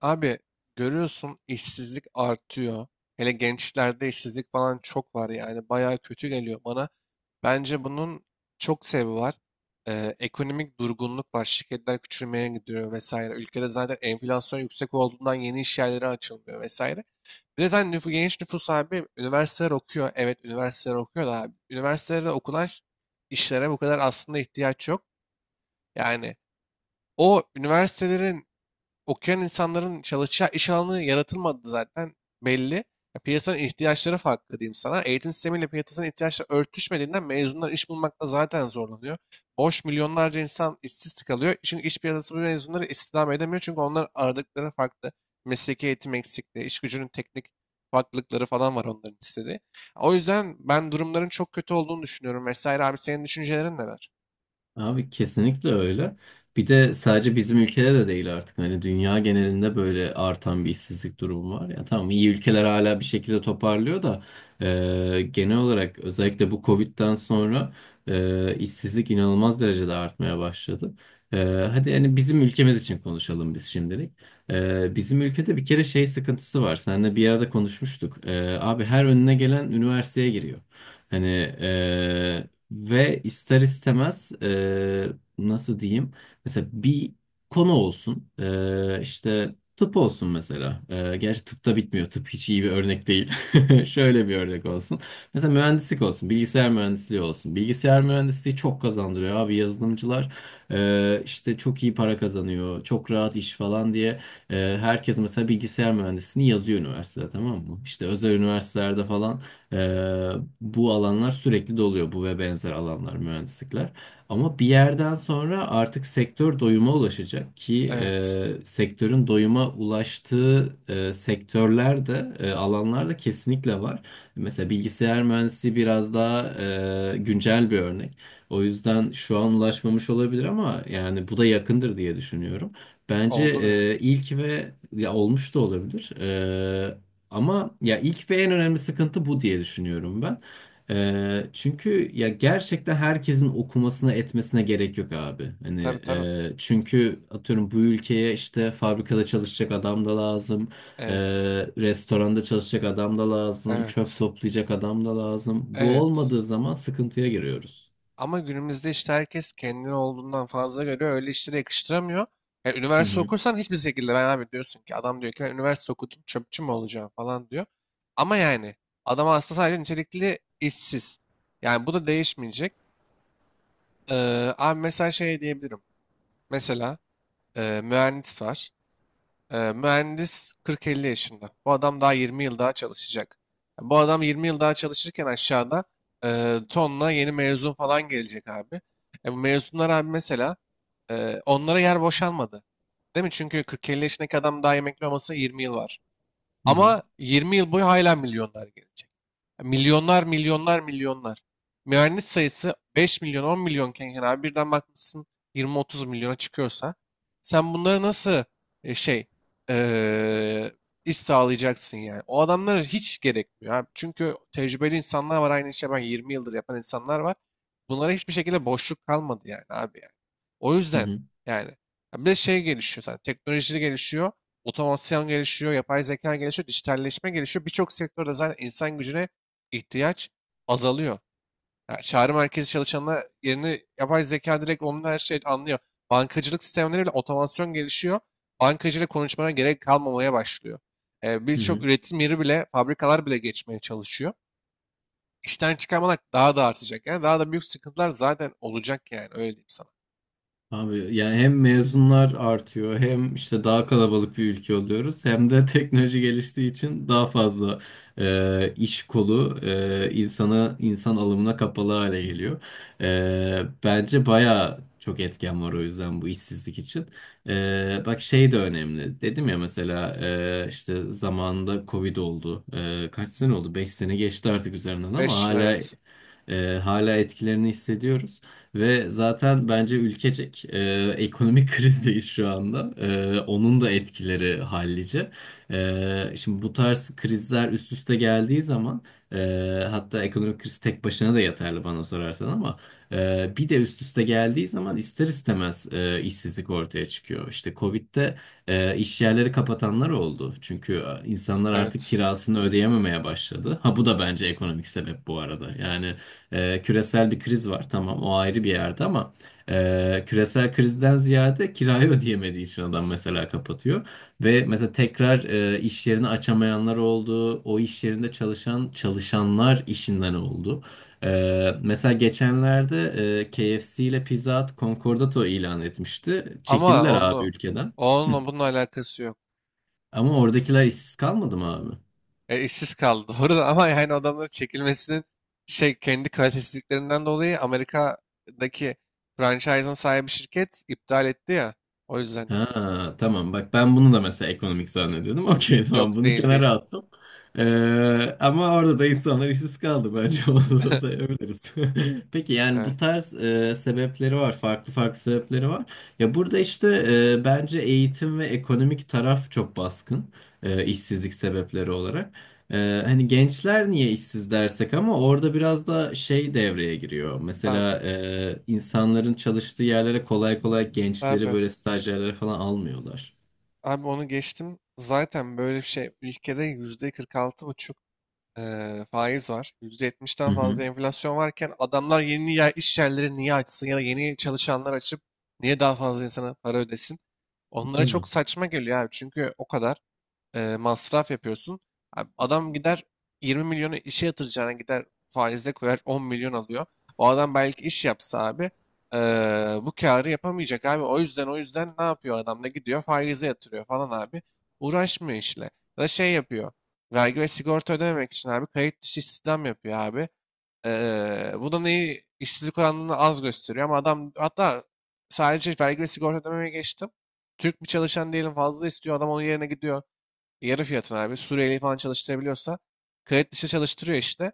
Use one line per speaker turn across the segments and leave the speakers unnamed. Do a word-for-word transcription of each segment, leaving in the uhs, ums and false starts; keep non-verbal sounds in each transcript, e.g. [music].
Abi görüyorsun işsizlik artıyor. Hele gençlerde işsizlik falan çok var yani. Bayağı kötü geliyor bana. Bence bunun çok sebebi var. Ee, ekonomik durgunluk var. Şirketler küçülmeye gidiyor vesaire. Ülkede zaten enflasyon yüksek olduğundan yeni iş yerleri açılmıyor vesaire. Bir de zaten nüfu- genç nüfus abi üniversiteler okuyor. Evet, üniversiteler okuyor da abi. Üniversitelerde okunan ş- işlere bu kadar aslında ihtiyaç yok. Yani o üniversitelerin okuyan insanların çalışacağı iş alanı yaratılmadı zaten belli. Ya piyasanın ihtiyaçları farklı diyeyim sana. Eğitim sistemiyle piyasanın ihtiyaçları örtüşmediğinden mezunlar iş bulmakta zaten zorlanıyor. Boş milyonlarca insan işsiz kalıyor. Çünkü iş piyasası bu mezunları istihdam edemiyor. Çünkü onlar aradıkları farklı. Mesleki eğitim eksikliği, iş gücünün teknik farklılıkları falan var onların istediği. O yüzden ben durumların çok kötü olduğunu düşünüyorum vesaire. Abi, senin düşüncelerin neler?
Abi kesinlikle öyle. Bir de sadece bizim ülkede de değil artık. Hani dünya genelinde böyle artan bir işsizlik durumu var. Ya tamam iyi ülkeler hala bir şekilde toparlıyor da e, genel olarak özellikle bu Covid'den sonra e, işsizlik inanılmaz derecede artmaya başladı. E, Hadi yani bizim ülkemiz için konuşalım biz şimdilik. E, bizim ülkede bir kere şey sıkıntısı var. Seninle bir arada konuşmuştuk. E, abi her önüne gelen üniversiteye giriyor. Hani ve ister istemez eee, nasıl diyeyim? Mesela bir konu olsun. Eee işte tıp olsun mesela. Eee gerçi tıp da bitmiyor. Tıp hiç iyi bir örnek değil. [laughs] Şöyle bir örnek olsun. Mesela mühendislik olsun. Bilgisayar mühendisliği olsun. Bilgisayar mühendisliği çok kazandırıyor abi yazılımcılar. eee, işte çok iyi para kazanıyor. Çok rahat iş falan diye. Eee, herkes mesela bilgisayar mühendisliğini yazıyor üniversitede, tamam mı? İşte özel üniversitelerde falan. Ee, Bu alanlar sürekli doluyor, bu ve benzer alanlar, mühendislikler. Ama bir yerden sonra artık sektör doyuma ulaşacak ki
Evet.
e, sektörün doyuma ulaştığı e, sektörler de e, alanlar da kesinlikle var. Mesela bilgisayar mühendisliği biraz daha e, güncel bir örnek. O yüzden şu an ulaşmamış olabilir ama yani bu da yakındır diye düşünüyorum. Bence
Oldu bile.
e, ilk ve ya olmuş da olabilir. E, ama ya ilk ve en önemli sıkıntı bu diye düşünüyorum ben. Ee, çünkü ya gerçekten herkesin okumasına etmesine gerek yok abi. Hani
Tabii, tabii.
e, çünkü atıyorum bu ülkeye işte fabrikada çalışacak adam da lazım, e,
Evet.
restoranda çalışacak adam da lazım, çöp
Evet.
toplayacak adam da lazım. Bu
Evet.
olmadığı zaman sıkıntıya giriyoruz.
Ama günümüzde işte herkes kendini olduğundan fazla görüyor. Öyle işlere yakıştıramıyor. Yani
Hı
üniversite
hı,
okursan hiçbir şekilde ben abi diyorsun ki adam diyor ki ben üniversite okudum çöpçü mü olacağım falan diyor. Ama yani adam aslında sadece nitelikli işsiz. Yani bu da değişmeyecek. Ee, abi mesela şey diyebilirim. Mesela e, mühendis var. Ee, mühendis kırk elli yaşında. Bu adam daha yirmi yıl daha çalışacak. Yani bu adam yirmi yıl daha çalışırken aşağıda e, tonla yeni mezun falan gelecek abi. E, bu mezunlar abi mesela e, onlara yer boşalmadı. Değil mi? Çünkü kırk elli yaşındaki adam daha emekli olması yirmi yıl var.
hı hı,
Ama yirmi yıl boyu hala milyonlar gelecek. Milyonlar, milyonlar, milyonlar. Mühendis sayısı beş milyon, on milyonken yani abi birden bakmışsın yirmi otuz milyona çıkıyorsa sen bunları nasıl e, şey eee iş sağlayacaksın yani. O adamlara hiç gerekmiyor abi. Çünkü tecrübeli insanlar var, aynı işe ben yirmi yıldır yapan insanlar var. Bunlara hiçbir şekilde boşluk kalmadı yani abi yani. O
hı
yüzden
hı,
yani ya bir de şey gelişiyor zaten, teknoloji gelişiyor. Otomasyon gelişiyor, yapay zeka gelişiyor, dijitalleşme gelişiyor. Birçok sektörde zaten insan gücüne ihtiyaç azalıyor. Ya çağrı merkezi çalışanına yerini yapay zeka direkt onun her şeyi anlıyor. Bankacılık sistemleri bile otomasyon gelişiyor. Bankacıyla konuşmana gerek kalmamaya başlıyor. E,
hı
birçok
hı.
üretim yeri bile, fabrikalar bile geçmeye çalışıyor. İşten çıkarmalar daha da artacak. Yani daha da büyük sıkıntılar zaten olacak yani öyle diyeyim sana.
Abi yani hem mezunlar artıyor, hem işte daha kalabalık bir ülke oluyoruz, hem de [laughs] teknoloji geliştiği için daha fazla e, iş kolu e, insana, insan alımına kapalı hale geliyor. E, bence baya çok etken var o yüzden bu işsizlik için. E, bak şey de önemli, dedim ya, mesela e, işte zamanında Covid oldu. E, kaç sene oldu? Beş sene geçti artık üzerinden ama
beş yıl,
hala
evet.
e, hala etkilerini hissediyoruz. Ve zaten bence ülkecek e, ekonomik [laughs] krizdeyiz şu anda. E, onun da etkileri hallice. E, şimdi bu tarz krizler üst üste geldiği zaman e, hatta ekonomik kriz tek başına da yeterli bana sorarsan, ama e, bir de üst üste geldiği zaman ister istemez e, işsizlik ortaya çıkıyor. İşte Covid'de e, iş yerleri kapatanlar oldu. Çünkü e, insanlar artık
Evet.
kirasını ödeyememeye başladı. Ha, bu da bence ekonomik sebep bu arada. Yani e, küresel bir kriz var tamam, o ayrı bir yerde, ama e, küresel krizden ziyade kirayı [laughs] ödeyemediği için adam mesela kapatıyor. Ve mesela tekrar e, iş yerini açamayanlar oldu. O iş yerinde çalışan çalışanlar işinden oldu. E, mesela geçenlerde e, K F C ile Pizza Hut Concordato ilan etmişti.
Ama
Çekildiler abi
onu
ülkeden. Hı.
onunla bunun alakası yok.
Ama oradakiler işsiz kalmadı mı abi?
E, işsiz kaldı [laughs] doğru da, ama yani adamların çekilmesinin şey kendi kalitesizliklerinden dolayı Amerika'daki franchise'ın sahibi şirket iptal etti ya. O yüzden dedim.
Ha tamam, bak ben bunu da mesela ekonomik zannediyordum. [laughs] Okey, tamam,
Yok,
bunu
değil,
kenara
değil.
attım. Ee, ama orada da insanlar işsiz kaldı bence, [laughs] onu da
[laughs]
sayabiliriz. [laughs] Peki yani bu
Evet
tarz e, sebepleri var. Farklı farklı sebepleri var. Ya burada işte e, bence eğitim ve ekonomik taraf çok baskın, e, işsizlik sebepleri olarak. Ee, hani gençler niye işsiz dersek, ama orada biraz da şey devreye giriyor.
abi.
Mesela e, insanların çalıştığı yerlere kolay kolay gençleri
Abi.
böyle stajyerlere falan almıyorlar.
Abi onu geçtim. Zaten böyle bir şey, ülkede yüzde kırk altı buçuk eee, faiz var. Yüzde
Hı
yetmişten fazla
hı,
enflasyon varken adamlar yeni yer, iş yerleri niye açsın ya da yeni çalışanlar açıp niye daha fazla insana para ödesin? Onlara
tabii.
çok saçma geliyor abi. Çünkü o kadar e, masraf yapıyorsun. Abi adam gider yirmi milyonu işe yatıracağına gider faize koyar on milyon alıyor. O adam belki iş yapsa abi e, bu karı yapamayacak abi. O yüzden o yüzden ne yapıyor adam da gidiyor faize yatırıyor falan abi. Uğraşmıyor işle. Ya da şey yapıyor. Vergi ve sigorta ödememek için abi kayıt dışı istihdam yapıyor abi. E, bu da neyi işsizlik oranını az gösteriyor ama adam hatta sadece vergi ve sigorta ödemeye geçtim. Türk bir çalışan diyelim fazla istiyor adam onun yerine gidiyor. Yarı fiyatına abi. Suriyeli falan çalıştırabiliyorsa kayıt dışı çalıştırıyor işte.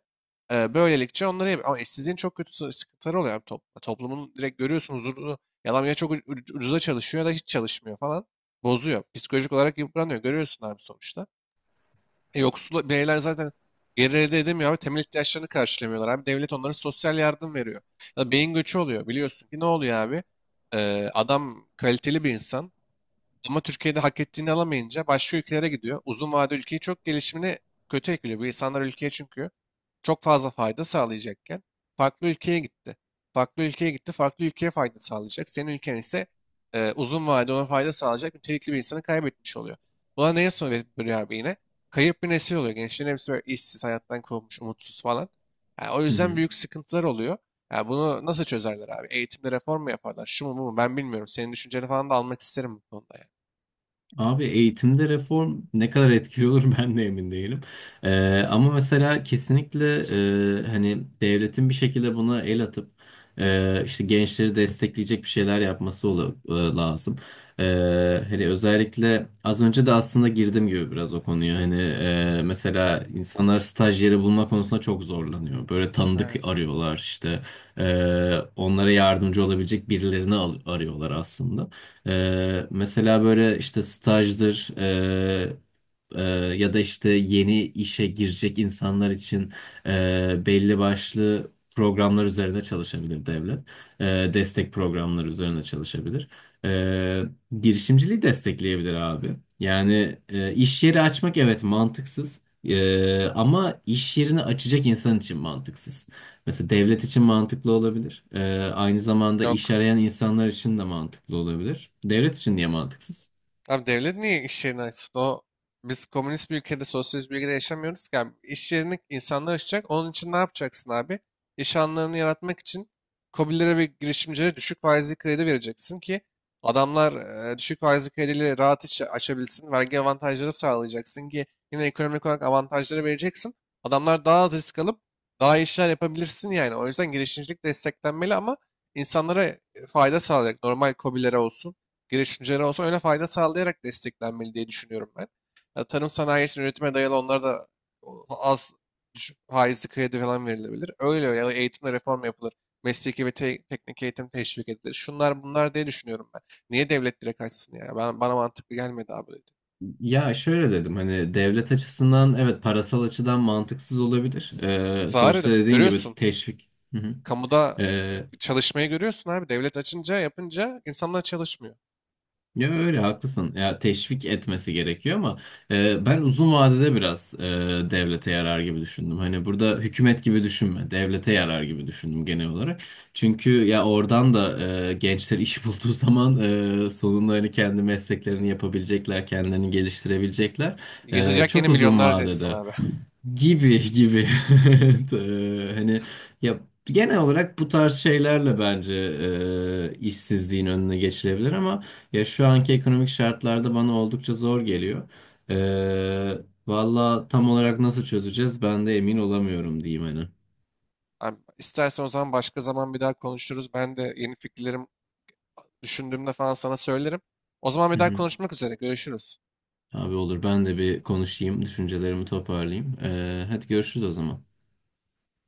Ee, böylelikle onları yap- ama işsizliğin çok kötü sı- sıkıntıları oluyor abi toplumda. Toplumun direkt görüyorsun huzurunu. Yalan ya, çok uc- uc- ucuza çalışıyor ya da hiç çalışmıyor falan. Bozuyor. Psikolojik olarak yıpranıyor. Görüyorsun abi sonuçta. E, yoksul bireyler zaten gelir elde edemiyor abi. Temel ihtiyaçlarını karşılamıyorlar abi. Devlet onlara sosyal yardım veriyor. Ya da beyin göçü oluyor. Biliyorsun ki ne oluyor abi? Ee, adam kaliteli bir insan. Ama Türkiye'de hak ettiğini alamayınca başka ülkelere gidiyor. Uzun vade ülkeyi çok gelişimine kötü etkiliyor. Bu insanlar ülkeye çünkü çok fazla fayda sağlayacakken farklı ülkeye gitti. Farklı ülkeye gitti, farklı ülkeye fayda sağlayacak. Senin ülken ise e, uzun vade ona fayda sağlayacak nitelikli bir insanı kaybetmiş oluyor. Buna neye soruyor abi yine? Kayıp bir nesil oluyor. Gençlerin hepsi böyle işsiz, hayattan kovulmuş, umutsuz falan. Yani o
Hı
yüzden
hı.
büyük sıkıntılar oluyor. Yani bunu nasıl çözerler abi? Eğitimde reform mu yaparlar? Şu mu, bu mu? Ben bilmiyorum. Senin düşünceni falan da almak isterim bu konuda, ya.
Abi eğitimde reform ne kadar etkili olur [laughs] ben de emin değilim. Ee, ama mesela kesinlikle e, hani devletin bir şekilde buna el atıp e, işte gençleri destekleyecek bir şeyler yapması ola- e, lazım. Ee, Hani özellikle az önce de aslında girdim gibi biraz o konuya. Hani e, mesela insanlar staj yeri bulma konusunda çok zorlanıyor. Böyle tanıdık
Aynen.
arıyorlar işte. Ee, onlara yardımcı olabilecek birilerini al- arıyorlar aslında. Ee, mesela böyle işte stajdır, e, e, ya da işte yeni işe girecek insanlar için e, belli başlı programlar üzerine çalışabilir devlet. E, Destek programları üzerine çalışabilir. E, Girişimciliği destekleyebilir abi. Yani e, iş yeri açmak, evet, mantıksız. E, ama iş yerini açacak insan için mantıksız. Mesela devlet için mantıklı olabilir. Ee, aynı zamanda iş
Yok.
arayan insanlar için de mantıklı olabilir. Devlet için niye mantıksız?
Abi devlet niye iş yerini açsın? O biz komünist bir ülkede, sosyalist bir ülkede yaşamıyoruz ki abi. İş yerini insanlar açacak. Onun için ne yapacaksın abi? İş alanlarını yaratmak için KOBİ'lere ve girişimcilere düşük faizli kredi vereceksin ki adamlar e, düşük faizli krediyle rahat iş açabilsin. Vergi avantajları sağlayacaksın ki yine ekonomik olarak avantajları vereceksin. Adamlar daha az risk alıp daha iyi işler yapabilirsin yani. O yüzden girişimcilik desteklenmeli ama insanlara fayda sağlayacak. Normal KOBİ'lere olsun, girişimcilere olsun öyle fayda sağlayarak desteklenmeli diye düşünüyorum ben. Ya, tarım sanayi için üretime dayalı onlara da az düşük faizli kredi falan verilebilir. Öyle öyle ya da eğitimde reform yapılır. Mesleki ve te- teknik eğitim teşvik edilir. Şunlar bunlar diye düşünüyorum ben. Niye devlet direkt açsın ya? Ben, bana mantıklı gelmedi abi, dedi.
Ya şöyle dedim, hani devlet açısından evet parasal açıdan mantıksız olabilir. Ee,
Zarar ediyor,
sonuçta dediğin gibi
görüyorsun.
teşvik. Hı hı.
Kamuda
Ee,
çalışmayı görüyorsun abi. Devlet açınca yapınca insanlar çalışmıyor.
Ya öyle haklısın. Ya teşvik etmesi gerekiyor ama e, ben uzun vadede biraz e, devlete yarar gibi düşündüm. Hani burada hükümet gibi düşünme, devlete yarar gibi düşündüm genel olarak. Çünkü ya oradan da e, gençler iş [laughs] bulduğu zaman e, sonunda hani kendi mesleklerini yapabilecekler, kendilerini geliştirebilecekler. E,
Yazacak yeni
çok uzun
milyonlarca insan
vadede
abi.
gibi gibi. [laughs] Evet, eee, hani ya genel olarak bu
[laughs]
tarz şeylerle bence eee, işsizliğin önüne geçilebilir, ama ya şu anki ekonomik şartlarda bana oldukça zor geliyor. Ee, Valla tam olarak nasıl çözeceğiz ben de emin olamıyorum, diyeyim hani.
Abi, istersen o zaman başka zaman bir daha konuşuruz. Ben de yeni fikirlerim düşündüğümde falan sana söylerim. O zaman bir
Hı
daha
hı.
konuşmak üzere. Görüşürüz.
Abi olur, ben de bir konuşayım, düşüncelerimi toparlayayım. Ee, hadi görüşürüz o zaman.